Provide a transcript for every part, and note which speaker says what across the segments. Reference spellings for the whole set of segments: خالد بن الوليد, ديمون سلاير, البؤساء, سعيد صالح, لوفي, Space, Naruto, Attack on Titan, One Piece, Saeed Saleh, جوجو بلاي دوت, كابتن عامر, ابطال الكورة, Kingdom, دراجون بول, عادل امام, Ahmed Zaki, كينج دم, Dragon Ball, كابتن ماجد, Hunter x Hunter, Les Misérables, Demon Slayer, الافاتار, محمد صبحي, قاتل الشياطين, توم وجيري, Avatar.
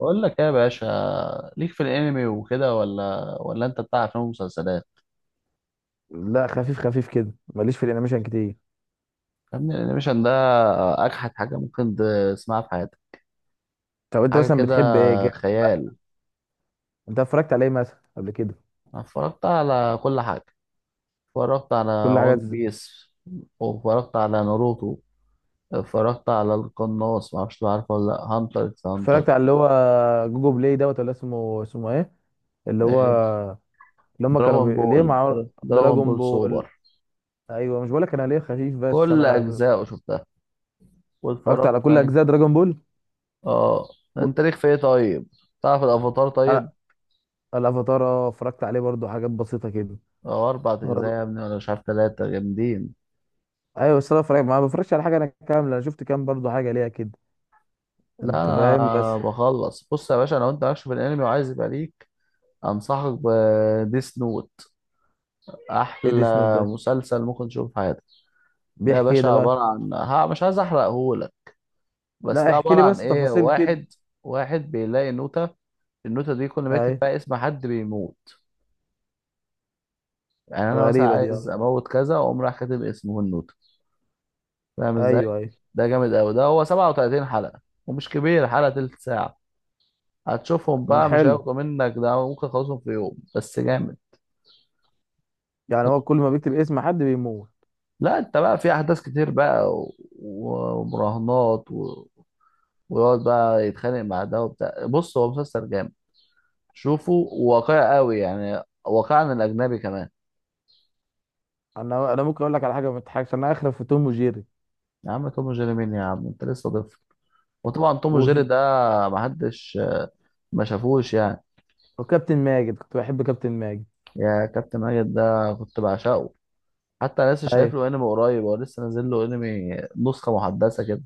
Speaker 1: بقول لك ايه يا باشا؟ ليك في الانمي وكده ولا انت بتاع افلام ومسلسلات؟
Speaker 2: لا، خفيف خفيف كده، ماليش في الانيميشن كتير.
Speaker 1: يا ابني الانيميشن ده اجحد حاجه ممكن تسمعها في حياتك.
Speaker 2: طب انت
Speaker 1: حاجه
Speaker 2: مثلا
Speaker 1: كده،
Speaker 2: بتحب ايه
Speaker 1: خيال.
Speaker 2: انت اتفرجت على ايه مثلا قبل كده؟
Speaker 1: أنا اتفرجت على كل حاجه، اتفرجت على
Speaker 2: كل حاجه
Speaker 1: وان بيس، واتفرجت على ناروتو، اتفرجت على القناص، ما اعرفش عارفه ولا لا، هانتر اكس هانتر.
Speaker 2: اتفرجت على اللي هو جوجو بلاي دوت، ولا اسمه ايه، اللي هو،
Speaker 1: إيه،
Speaker 2: اللي هم كانوا
Speaker 1: دراغون بول،
Speaker 2: ليه مع
Speaker 1: دراغون
Speaker 2: دراجون
Speaker 1: بول سوبر،
Speaker 2: بول. ايوه، مش بقولك انا ليه خفيف، بس
Speaker 1: كل
Speaker 2: انا
Speaker 1: اجزائه شفتها.
Speaker 2: اتفرجت
Speaker 1: واتفرجت
Speaker 2: على كل
Speaker 1: على
Speaker 2: اجزاء دراجون بول.
Speaker 1: اه انت ليك في ايه طيب؟ تعرف الافاتار؟ طيب،
Speaker 2: انا، الافاتار، اتفرجت عليه برضو، حاجات بسيطه كده.
Speaker 1: أو أربع أجزاء
Speaker 2: اه،
Speaker 1: يا ابني، ولا مش عارف، تلاتة جامدين.
Speaker 2: ايوه، بس انا اتفرجت، ما بفرجش على حاجه كامله، شفت كام برضو حاجه ليها كده.
Speaker 1: لا
Speaker 2: انت فاهم،
Speaker 1: أنا
Speaker 2: بس
Speaker 1: بخلص، بص يا باشا، لو أنت مالكش في الأنمي وعايز يبقى ليك، أنصحك بديس نوت،
Speaker 2: ايه دي سنود
Speaker 1: أحلى
Speaker 2: ده؟
Speaker 1: مسلسل ممكن تشوفه في حياتك. ده يا
Speaker 2: بيحكي ايه
Speaker 1: باشا
Speaker 2: ده
Speaker 1: عبارة
Speaker 2: بقى؟
Speaker 1: عن، ها، مش عايز أحرقهولك، بس
Speaker 2: لا،
Speaker 1: ده
Speaker 2: احكي
Speaker 1: عبارة
Speaker 2: لي
Speaker 1: عن
Speaker 2: بس
Speaker 1: إيه،
Speaker 2: تفاصيل كده.
Speaker 1: واحد، واحد بيلاقي نوتة، النوتة دي كل ما يكتب
Speaker 2: اي.
Speaker 1: فيها اسم حد بيموت، يعني أنا مثلا
Speaker 2: غريبة دي، اه.
Speaker 1: عايز أموت كذا وأقوم رايح كاتب اسمه النوتة. فاهم إزاي؟
Speaker 2: ايوه، ايوه.
Speaker 1: ده جامد أوي، ده هو 37 حلقة، ومش كبير، حلقة تلت ساعة، هتشوفهم بقى، مش
Speaker 2: حلو.
Speaker 1: هياخدوا منك، ده ممكن تخلصهم في يوم، بس جامد.
Speaker 2: يعني هو كل ما بيكتب اسم حد بيموت؟
Speaker 1: لا انت بقى في احداث كتير بقى ومراهنات. ويقعد بقى يتخانق مع ده وبتاع، بص هو مسلسل جامد، شوفه، واقعي قوي يعني، واقعي عن الاجنبي كمان.
Speaker 2: انا ممكن اقول لك على حاجة ما تضحكش، انا اخرف في توم وجيري.
Speaker 1: يا عم توم وجيري مين يا عم؟ انت لسه طفل. وطبعا توم وجيري
Speaker 2: وفي،
Speaker 1: ده محدش ما شافوش يعني.
Speaker 2: وكابتن ماجد، كنت بحب كابتن ماجد.
Speaker 1: يا كابتن ماجد ده كنت بعشقه، حتى انا لسه
Speaker 2: اي.
Speaker 1: شايف له انمي قريب، هو لسه نازل له انمي، نسخه محدثه كده.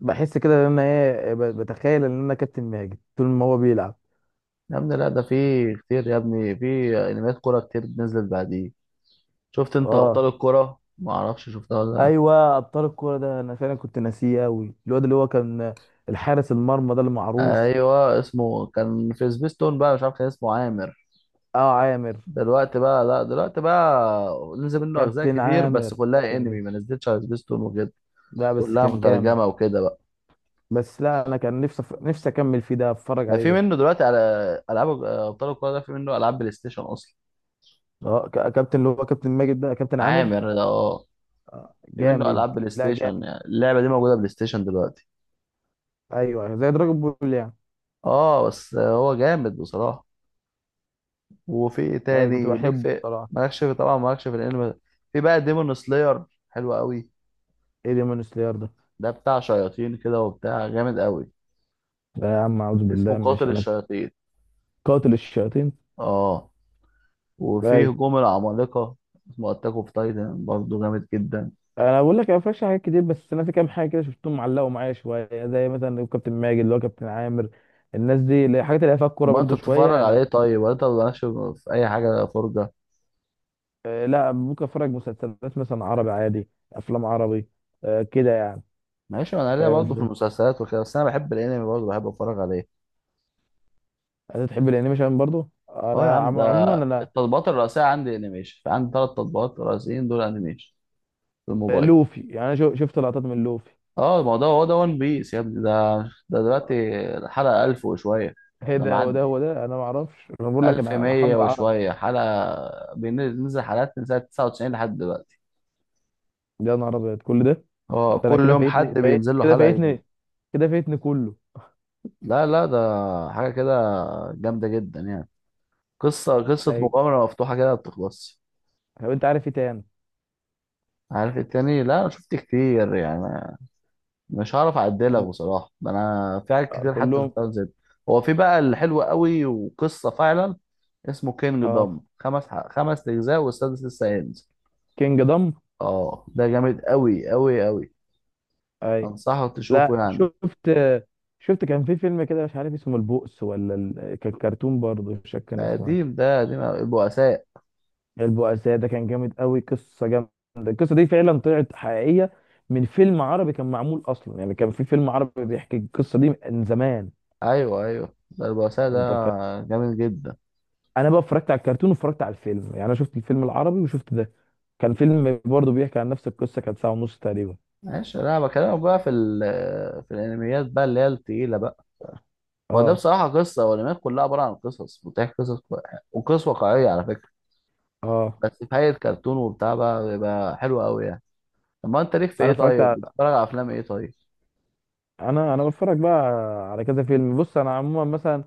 Speaker 2: بحس كده ان انا، ايه، بتخيل ان انا كابتن ماجد طول ما هو بيلعب.
Speaker 1: يا ابني لا، ده في كتير يا ابني، في انميات كوره كتير نزلت بعديه. شفت انت ابطال
Speaker 2: اه،
Speaker 1: الكوره، ما اعرفش شفتها ولا
Speaker 2: ايوه، ابطال الكورة ده انا فعلا كنت ناسيه قوي، الواد اللي هو كان الحارس المرمى ده
Speaker 1: لا؟
Speaker 2: المعروف.
Speaker 1: ايوه، اسمه كان في سبيستون بقى، مش عارف، كان اسمه عامر.
Speaker 2: اه، عامر.
Speaker 1: دلوقتي بقى لا، دلوقتي بقى نزل منه اجزاء
Speaker 2: كابتن
Speaker 1: كتير، بس
Speaker 2: عامر،
Speaker 1: كلها
Speaker 2: كان
Speaker 1: انمي،
Speaker 2: جامد.
Speaker 1: ما نزلتش على سبيستون وكده،
Speaker 2: لا، بس
Speaker 1: كلها
Speaker 2: كان جامد.
Speaker 1: مترجمه وكده بقى.
Speaker 2: بس لا، انا كان نفسي نفسي اكمل فيه ده، اتفرج
Speaker 1: ده
Speaker 2: عليه
Speaker 1: في
Speaker 2: ده.
Speaker 1: منه دلوقتي على العاب ابطال الكوره، ده في منه العاب بلاي ستيشن اصلا.
Speaker 2: اه، كابتن، اللي هو كابتن ماجد ده كابتن عامر.
Speaker 1: عامر ده، اه.
Speaker 2: آه،
Speaker 1: في منه
Speaker 2: جامد.
Speaker 1: العاب بلاي
Speaker 2: لا،
Speaker 1: ستيشن،
Speaker 2: جامد.
Speaker 1: يعني اللعبه دي موجوده بلاي ستيشن دلوقتي.
Speaker 2: ايوه، أيوه، زي دراجون بول يعني.
Speaker 1: اه بس هو جامد بصراحه. وفي إيه
Speaker 2: ايوه، كنت
Speaker 1: تاني ليك
Speaker 2: بحبه
Speaker 1: في،
Speaker 2: بصراحه.
Speaker 1: مالكش في طبعا، مالكش في الانمي. في بقى ديمون سلاير، حلو قوي،
Speaker 2: ايه ديمون سلاير ده؟
Speaker 1: ده بتاع شياطين كده وبتاع، جامد قوي،
Speaker 2: لا يا عم، اعوذ
Speaker 1: اسمه
Speaker 2: بالله، معلش،
Speaker 1: قاتل
Speaker 2: انا في
Speaker 1: الشياطين.
Speaker 2: قاتل الشياطين.
Speaker 1: اه، وفي
Speaker 2: ايوه.
Speaker 1: هجوم العمالقة، اسمه اتاك اوف تايتن، برضه جامد جدا.
Speaker 2: انا بقول لك انا مفيش حاجات كتير، بس انا في كام حاجه كده شفتهم، معلقوا معايا شويه، زي مثلا كابتن ماجد اللي هو كابتن عامر. الناس دي، الحاجات اللي هي فيها الكوره
Speaker 1: ما انت
Speaker 2: برضو
Speaker 1: بتتفرج
Speaker 2: شويه، انا،
Speaker 1: عليه طيب ولا انت مالكش في اي حاجة فرجة؟
Speaker 2: آه، لا، ممكن اتفرج مسلسلات مثلا عربي عادي، افلام عربي. آه، كده يعني.
Speaker 1: ماشي، ما انا ليا
Speaker 2: فاهم
Speaker 1: برضه في
Speaker 2: الفكره.
Speaker 1: المسلسلات وكده، بس انا بحب الانمي برضه، بحب اتفرج عليه.
Speaker 2: انت تحب الانيميشن برضو،
Speaker 1: اه يا
Speaker 2: انا
Speaker 1: عم، ده
Speaker 2: عموما انا.
Speaker 1: التطبيقات الرئيسية عندي انيميشن، عندي ثلاث تطبيقات رئيسيين دول انيميشن في الموبايل.
Speaker 2: لوفي، يعني انا شفت لقطات من لوفي.
Speaker 1: اه ما هو ده، هو ده ون بيس يا ابني، ده ده دلوقتي الحلقة 1000 وشوية،
Speaker 2: ايه
Speaker 1: ده
Speaker 2: ده؟ وده
Speaker 1: معدي
Speaker 2: وده انا ما اعرفش، انا بقول لك، انا
Speaker 1: 1100
Speaker 2: حافظ عربي.
Speaker 1: وشوية حلقة، بينزل حلقات من سنة 99 لحد دلوقتي،
Speaker 2: يا نهار ابيض، كل ده!
Speaker 1: هو
Speaker 2: انت، انا
Speaker 1: كل
Speaker 2: كده
Speaker 1: يوم
Speaker 2: فايتني،
Speaker 1: حد
Speaker 2: فايت
Speaker 1: بينزل له
Speaker 2: كده
Speaker 1: حلقة جديدة.
Speaker 2: فايتني، كده فايتني كله.
Speaker 1: لا لا، ده حاجة كده جامدة جدا يعني، قصة
Speaker 2: اي.
Speaker 1: مغامرة مفتوحة كده ما بتخلصش.
Speaker 2: طب انت عارف ايه تاني؟
Speaker 1: عارف التاني؟ لا انا شفت كتير يعني، مش هعرف اعدلك
Speaker 2: يعني،
Speaker 1: بصراحه، ده انا في حاجات
Speaker 2: آه،
Speaker 1: كتير حتى
Speaker 2: كلهم.
Speaker 1: شفتها زي دي. هو في بقى اللي حلو قوي وقصه فعلا، اسمه كينج دوم،
Speaker 2: اه،
Speaker 1: خمس اجزاء والسادس لسه هينزل.
Speaker 2: كينج دم.
Speaker 1: اه، ده جامد قوي قوي قوي،
Speaker 2: اي.
Speaker 1: انصحك
Speaker 2: لا،
Speaker 1: تشوفه يعني.
Speaker 2: شفت، كان في فيلم كده مش عارف اسمه البؤس ولا كان كرتون برضه، مش فاكر
Speaker 1: ده
Speaker 2: كان اسمه
Speaker 1: قديم،
Speaker 2: إيه.
Speaker 1: ده قديم أوي. البؤساء.
Speaker 2: البؤساء ده كان جامد قوي، قصه جامده. القصه دي فعلا طلعت حقيقيه، من فيلم عربي كان معمول اصلا، يعني كان في فيلم عربي بيحكي القصه دي من زمان.
Speaker 1: ايوه ايوه، ده البؤساء ده
Speaker 2: انت فاهم،
Speaker 1: جامد جدا.
Speaker 2: انا بقى اتفرجت على الكرتون واتفرجت على الفيلم، يعني انا شفت الفيلم العربي وشفت ده. كان فيلم برضه بيحكي عن نفس القصه، كانت ساعه ونص تقريبا.
Speaker 1: ماشي، لا بكلمك بقى في ال... في الانميات بقى اللي هي التقيله بقى، هو ده
Speaker 2: اه،
Speaker 1: بصراحه قصه، والانميات كلها عباره عن قصص، بتحكي وقصص واقعيه على فكره،
Speaker 2: اه.
Speaker 1: بس في حاجة كرتون وبتاع بقى بيبقى حلو قوي يعني. طب ما انت ليك في
Speaker 2: انا
Speaker 1: ايه
Speaker 2: اتفرجت
Speaker 1: طيب؟
Speaker 2: على...
Speaker 1: بتتفرج على افلام ايه طيب؟
Speaker 2: انا بتفرج بقى على كذا فيلم، بص انا عموما مثلا،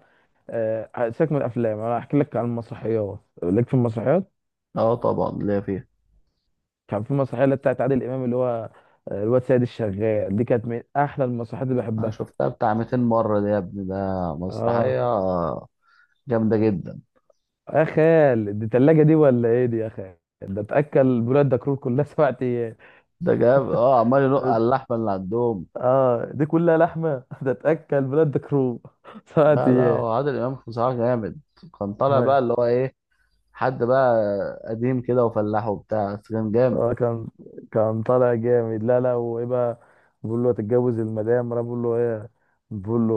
Speaker 2: آه، سيبك من الافلام، انا هحكي لك عن المسرحيات، ليك في المسرحيات؟
Speaker 1: اه طبعا ليا فيها.
Speaker 2: كان في مسرحيه اللي بتاعت عادل امام، اللي هو، الواد سيد الشغال، دي كانت من احلى المسرحيات اللي
Speaker 1: انا
Speaker 2: بحبها.
Speaker 1: شفتها بتاع 200 مرة دي يا ابني، ده
Speaker 2: اه.
Speaker 1: مسرحية جامدة جدا.
Speaker 2: يا خال، دي تلاجة دي ولا ايه دي يا خال؟ ده تاكل بلاد دكرور كلها 7 ايام.
Speaker 1: ده جاب، اه، عمال ينق على اللحمة اللي عندهم.
Speaker 2: اه، دي كلها لحمه. ده تاكل بلاد دكرور سبع
Speaker 1: لا لا، وعادل امام بصراحة جامد، كان طالع
Speaker 2: ايام
Speaker 1: بقى اللي هو ايه، حد بقى قديم كده وفلاح وبتاع، بس كان جامد.
Speaker 2: اه، كان، كان طالع جامد. لا، لا، وايه بقى؟ بقول له هتتجوز المدام، راح بقول له ايه. بقول له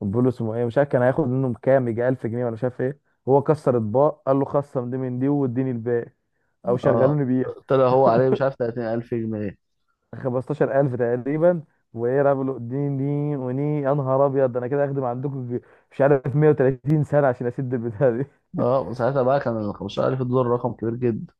Speaker 2: بقول له اسمه ايه، مش عارف، كان هياخد منهم كام، يجي 1000 جنيه ولا مش عارف ايه. هو كسر اطباق، قال له خصم دي من دي واديني الباقي، او
Speaker 1: اه
Speaker 2: شغلوني بيها
Speaker 1: طلع هو عليه مش عارف 30000 جنيه.
Speaker 2: 15000 تقريبا. وايه، راح بقول له اديني دي وني، يا نهار ابيض، ده انا كده اخدم عندكم مش عارف 130 سنه عشان اسد البتاع دي.
Speaker 1: اه وساعتها بقى كان ال 15000 دول رقم كبير جدا.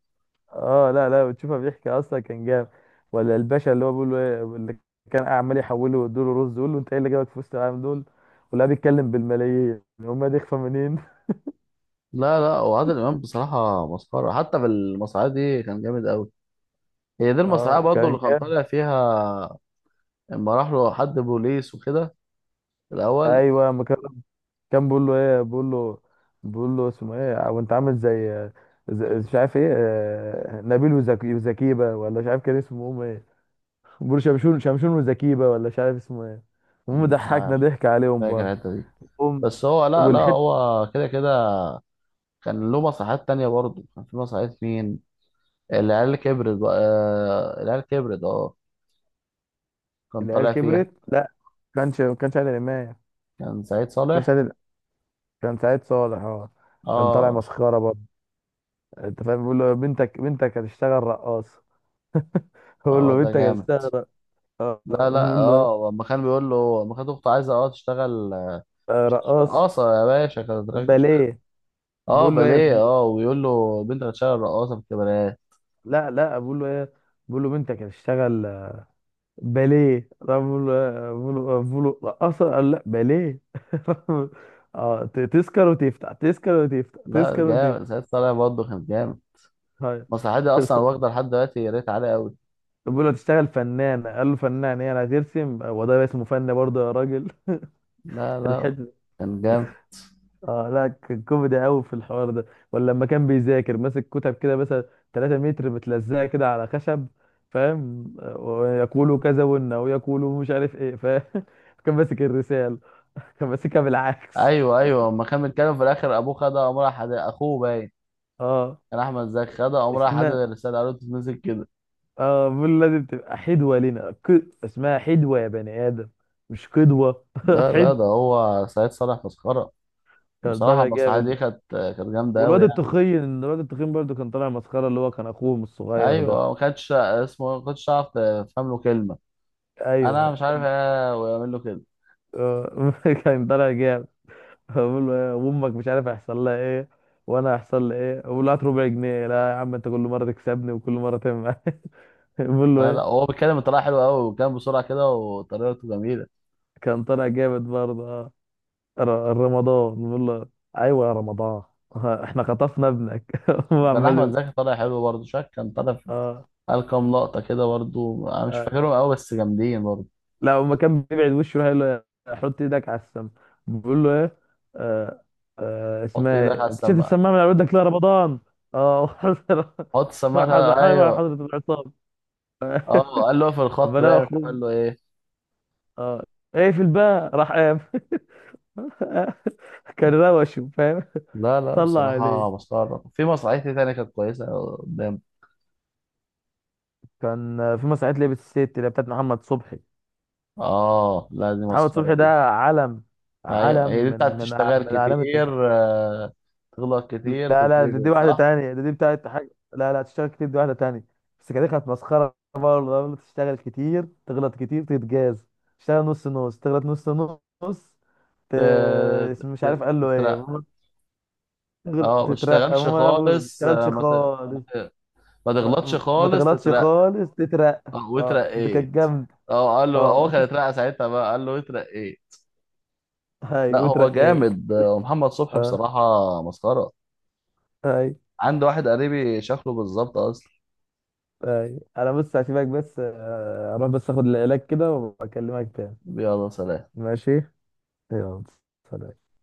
Speaker 2: اه، لا، لا، بتشوفها بيحكي اصلا، كان جاب، ولا الباشا اللي هو بيقول له ايه، اللي كان عمال يحوله ويديله رز، يقول له انت ايه اللي جابك في وسط العالم دول، ولا بيتكلم بالملايين، هم دي اخفى منين؟
Speaker 1: لا لا، وعادل امام بصراحه مسخره، حتى في المسرحيه دي كان جامد قوي. هي دي المسرحيه
Speaker 2: اه،
Speaker 1: برضه
Speaker 2: كان
Speaker 1: اللي كان
Speaker 2: جاب.
Speaker 1: طالع فيها لما راح له حد بوليس وكده في الاول،
Speaker 2: ايوه، ما كان، كان بيقول له ايه، بيقول له اسمه ايه وانت عامل زي، مش عارف ايه، نبيل وزكي وزكيبه، ولا مش عارف كان اسمه هم ايه. بيقول له شمشون، شمشون وزكيبه، ولا مش عارف اسمه ايه. هم
Speaker 1: مش
Speaker 2: ضحكنا
Speaker 1: عارف،
Speaker 2: ضحك عليهم برضه.
Speaker 1: فاكر الحته دي؟
Speaker 2: هم،
Speaker 1: بس هو لا لا،
Speaker 2: والحته،
Speaker 1: هو كده كده كان له مسرحيات تانية برضه. كان في مسرحيه مين، العيال كبرت بقى، آه، العيال كبرت، اه، كان
Speaker 2: العيال
Speaker 1: طالع فيها
Speaker 2: كبرت، لا، ما كانش عادل امام.
Speaker 1: كان سعيد
Speaker 2: كان
Speaker 1: صالح،
Speaker 2: سعيد، كان سعيد صالح، اه. كان طالع
Speaker 1: اه.
Speaker 2: مسخره برضه. انت فاهم، بيقول له بنتك هتشتغل رقاص. بيقول
Speaker 1: اه
Speaker 2: له
Speaker 1: ده
Speaker 2: بنتك
Speaker 1: جامد.
Speaker 2: هتشتغل رقاص. آه، آه.
Speaker 1: لا لا
Speaker 2: بيقول له إيه؟
Speaker 1: اه، لما كان بيقول له، لما كانت اخته عايزه اه تشتغل، آه،
Speaker 2: آه،
Speaker 1: مش هتشتغل-
Speaker 2: رقاص
Speaker 1: اه صار يا باشا، كانت،
Speaker 2: باليه.
Speaker 1: اه،
Speaker 2: بيقول له ايه؟
Speaker 1: باليه، اه، ويقول له بنت هتشتغل رقاصه في الكباريه.
Speaker 2: لا، لا، بيقول له ايه؟ بيقول له بنتك هتشتغل باليه، راح بيقول له، بيقول له رقاصه، قال لا باليه. اه، تسكر وتفتح، تسكر وتفتح،
Speaker 1: لا
Speaker 2: تسكر وتفتح.
Speaker 1: جامد، سعيد طالع برضه كان جامد،
Speaker 2: هاي.
Speaker 1: مسرحيه دي اصلا واخده لحد دلوقتي ريت عالي قوي.
Speaker 2: بيقول له تشتغل فنان، قال له فنان ايه، انا هترسم وده اسمه فن برضه يا راجل؟
Speaker 1: لا لا
Speaker 2: الحلم.
Speaker 1: كان جامد.
Speaker 2: اه، لا، كان كوميدي قوي في الحوار ده. ولا لما كان بيذاكر، ماسك كتب كده مثلا 3 متر متلزقه كده على خشب، فاهم؟ ويقول كذا وإن، ويقول مش عارف ايه، فاهم؟ كان ماسك الرساله، كان ماسكها بالعكس.
Speaker 1: ايوه ايوه، اما كان بيتكلم في الاخر ابوه خدها، قام راح اخوه باين
Speaker 2: اه،
Speaker 1: كان احمد زكي خدها، قام راح حدد
Speaker 2: اسمها،
Speaker 1: الرساله، قالوا تتمسك كده.
Speaker 2: اه بيقول لازم تبقى حدوه لنا اسمها حدوه يا بني ادم، مش قدوه.
Speaker 1: لا لا، ده
Speaker 2: حدوه،
Speaker 1: هو سعيد صالح مسخره،
Speaker 2: كان
Speaker 1: وبصراحه
Speaker 2: طالع
Speaker 1: المسرحيه دي
Speaker 2: جامد.
Speaker 1: كانت جامده قوي
Speaker 2: والواد
Speaker 1: يعني.
Speaker 2: التخين، الواد التخين برضه كان طالع مسخره، اللي هو كان اخوهم الصغير ده.
Speaker 1: ايوه ما كانتش اسمه إيه، ما كنتش اعرف تفهم له كلمه، انا
Speaker 2: ايوه،
Speaker 1: مش عارف ايه ويعمل له كده.
Speaker 2: آه، كان طالع جامد. بقول له ايه، وامك مش عارف هيحصل لها ايه، وانا هيحصل لي ايه، بقول له هات ربع جنيه، لا يا عم انت كل مره تكسبني وكل مره تعمل معايا. بقول له
Speaker 1: لا لا
Speaker 2: ايه؟
Speaker 1: هو بيتكلم بطريقه حلوه قوي، وكان بسرعه كده وطريقته جميله.
Speaker 2: كان طالع جامد برضه، اه. رمضان بقول له، ايوه يا رمضان. احنا خطفنا ابنك. هو
Speaker 1: وكان
Speaker 2: عمال
Speaker 1: احمد
Speaker 2: يقول،
Speaker 1: زكي طالع حلو برضه، شاك، كان طالع في
Speaker 2: اه،
Speaker 1: قال كام لقطه كده برضه، انا مش
Speaker 2: آه،
Speaker 1: فاكرهم قوي بس جامدين برضه.
Speaker 2: لو ما كان بيبعد وشه يروح يقول له، حط ايدك على السم. بيقول له ايه؟ آه، آه،
Speaker 1: حط
Speaker 2: اسمها
Speaker 1: ايدك على
Speaker 2: ايه، انت شفت
Speaker 1: السماعه.
Speaker 2: السماعه من على ودك ليه يا رمضان؟ اه.
Speaker 1: حط السماعه تعالى. ايوه،
Speaker 2: حضرة العصام.
Speaker 1: اه، قال له في الخط
Speaker 2: فلا
Speaker 1: بقى، مش عارف
Speaker 2: اخوه،
Speaker 1: قال له ايه.
Speaker 2: اه، ايه في الباء، راح قام. كان روشه، فاهم؟
Speaker 1: لا لا
Speaker 2: طلع عليه.
Speaker 1: بصراحه مسخره. في مسرحيه إيه تانية كانت كويسه قدام؟
Speaker 2: كان في مسرحيه لعبه الست اللي هي بتاعت محمد صبحي.
Speaker 1: اه لا دي
Speaker 2: محمد
Speaker 1: مسخره
Speaker 2: صبحي ده
Speaker 1: دي.
Speaker 2: علم،
Speaker 1: ايوه
Speaker 2: علم
Speaker 1: هي دي
Speaker 2: من
Speaker 1: بتاعت
Speaker 2: من
Speaker 1: تشتغل
Speaker 2: من اعلام.
Speaker 1: كتير، آه، تغلط كتير
Speaker 2: لا، لا، دي
Speaker 1: تتربط،
Speaker 2: واحدة
Speaker 1: صح؟
Speaker 2: تانية، دي بتاعت حاجة، لا لا تشتغل كتير، دي واحدة تانية. بس كده كانت مسخرة برضه، قبل تشتغل كتير، تغلط كتير، تتجاز. تشتغل نص نص، تغلط نص، نص، ت...
Speaker 1: ت-
Speaker 2: مش عارف قال له ايه،
Speaker 1: تترقى،
Speaker 2: المهم
Speaker 1: اه، ما
Speaker 2: تترقى،
Speaker 1: اشتغلش
Speaker 2: ما ما
Speaker 1: خالص،
Speaker 2: تشتغلش
Speaker 1: آه،
Speaker 2: خالص،
Speaker 1: ما تغلطش
Speaker 2: ما
Speaker 1: خالص
Speaker 2: تغلطش
Speaker 1: تترقى.
Speaker 2: خالص، تترقى.
Speaker 1: آه،
Speaker 2: اه، دي كانت
Speaker 1: واترقيت.
Speaker 2: جامدة.
Speaker 1: اه قال له، هو
Speaker 2: اه.
Speaker 1: كان اترقى ساعتها بقى قال له اترقيت.
Speaker 2: هاي،
Speaker 1: لا هو
Speaker 2: وترقيت.
Speaker 1: جامد، آه، ومحمد صبحي
Speaker 2: اه.
Speaker 1: بصراحة مسخرة،
Speaker 2: هاي.
Speaker 1: عنده واحد قريبي شكله بالظبط اصلا.
Speaker 2: هاي، انا بص هسيبك بس، اروح بس اخد العلاج كده وبكلمك تاني.
Speaker 1: يلا سلام.
Speaker 2: ماشي، يلا سلام.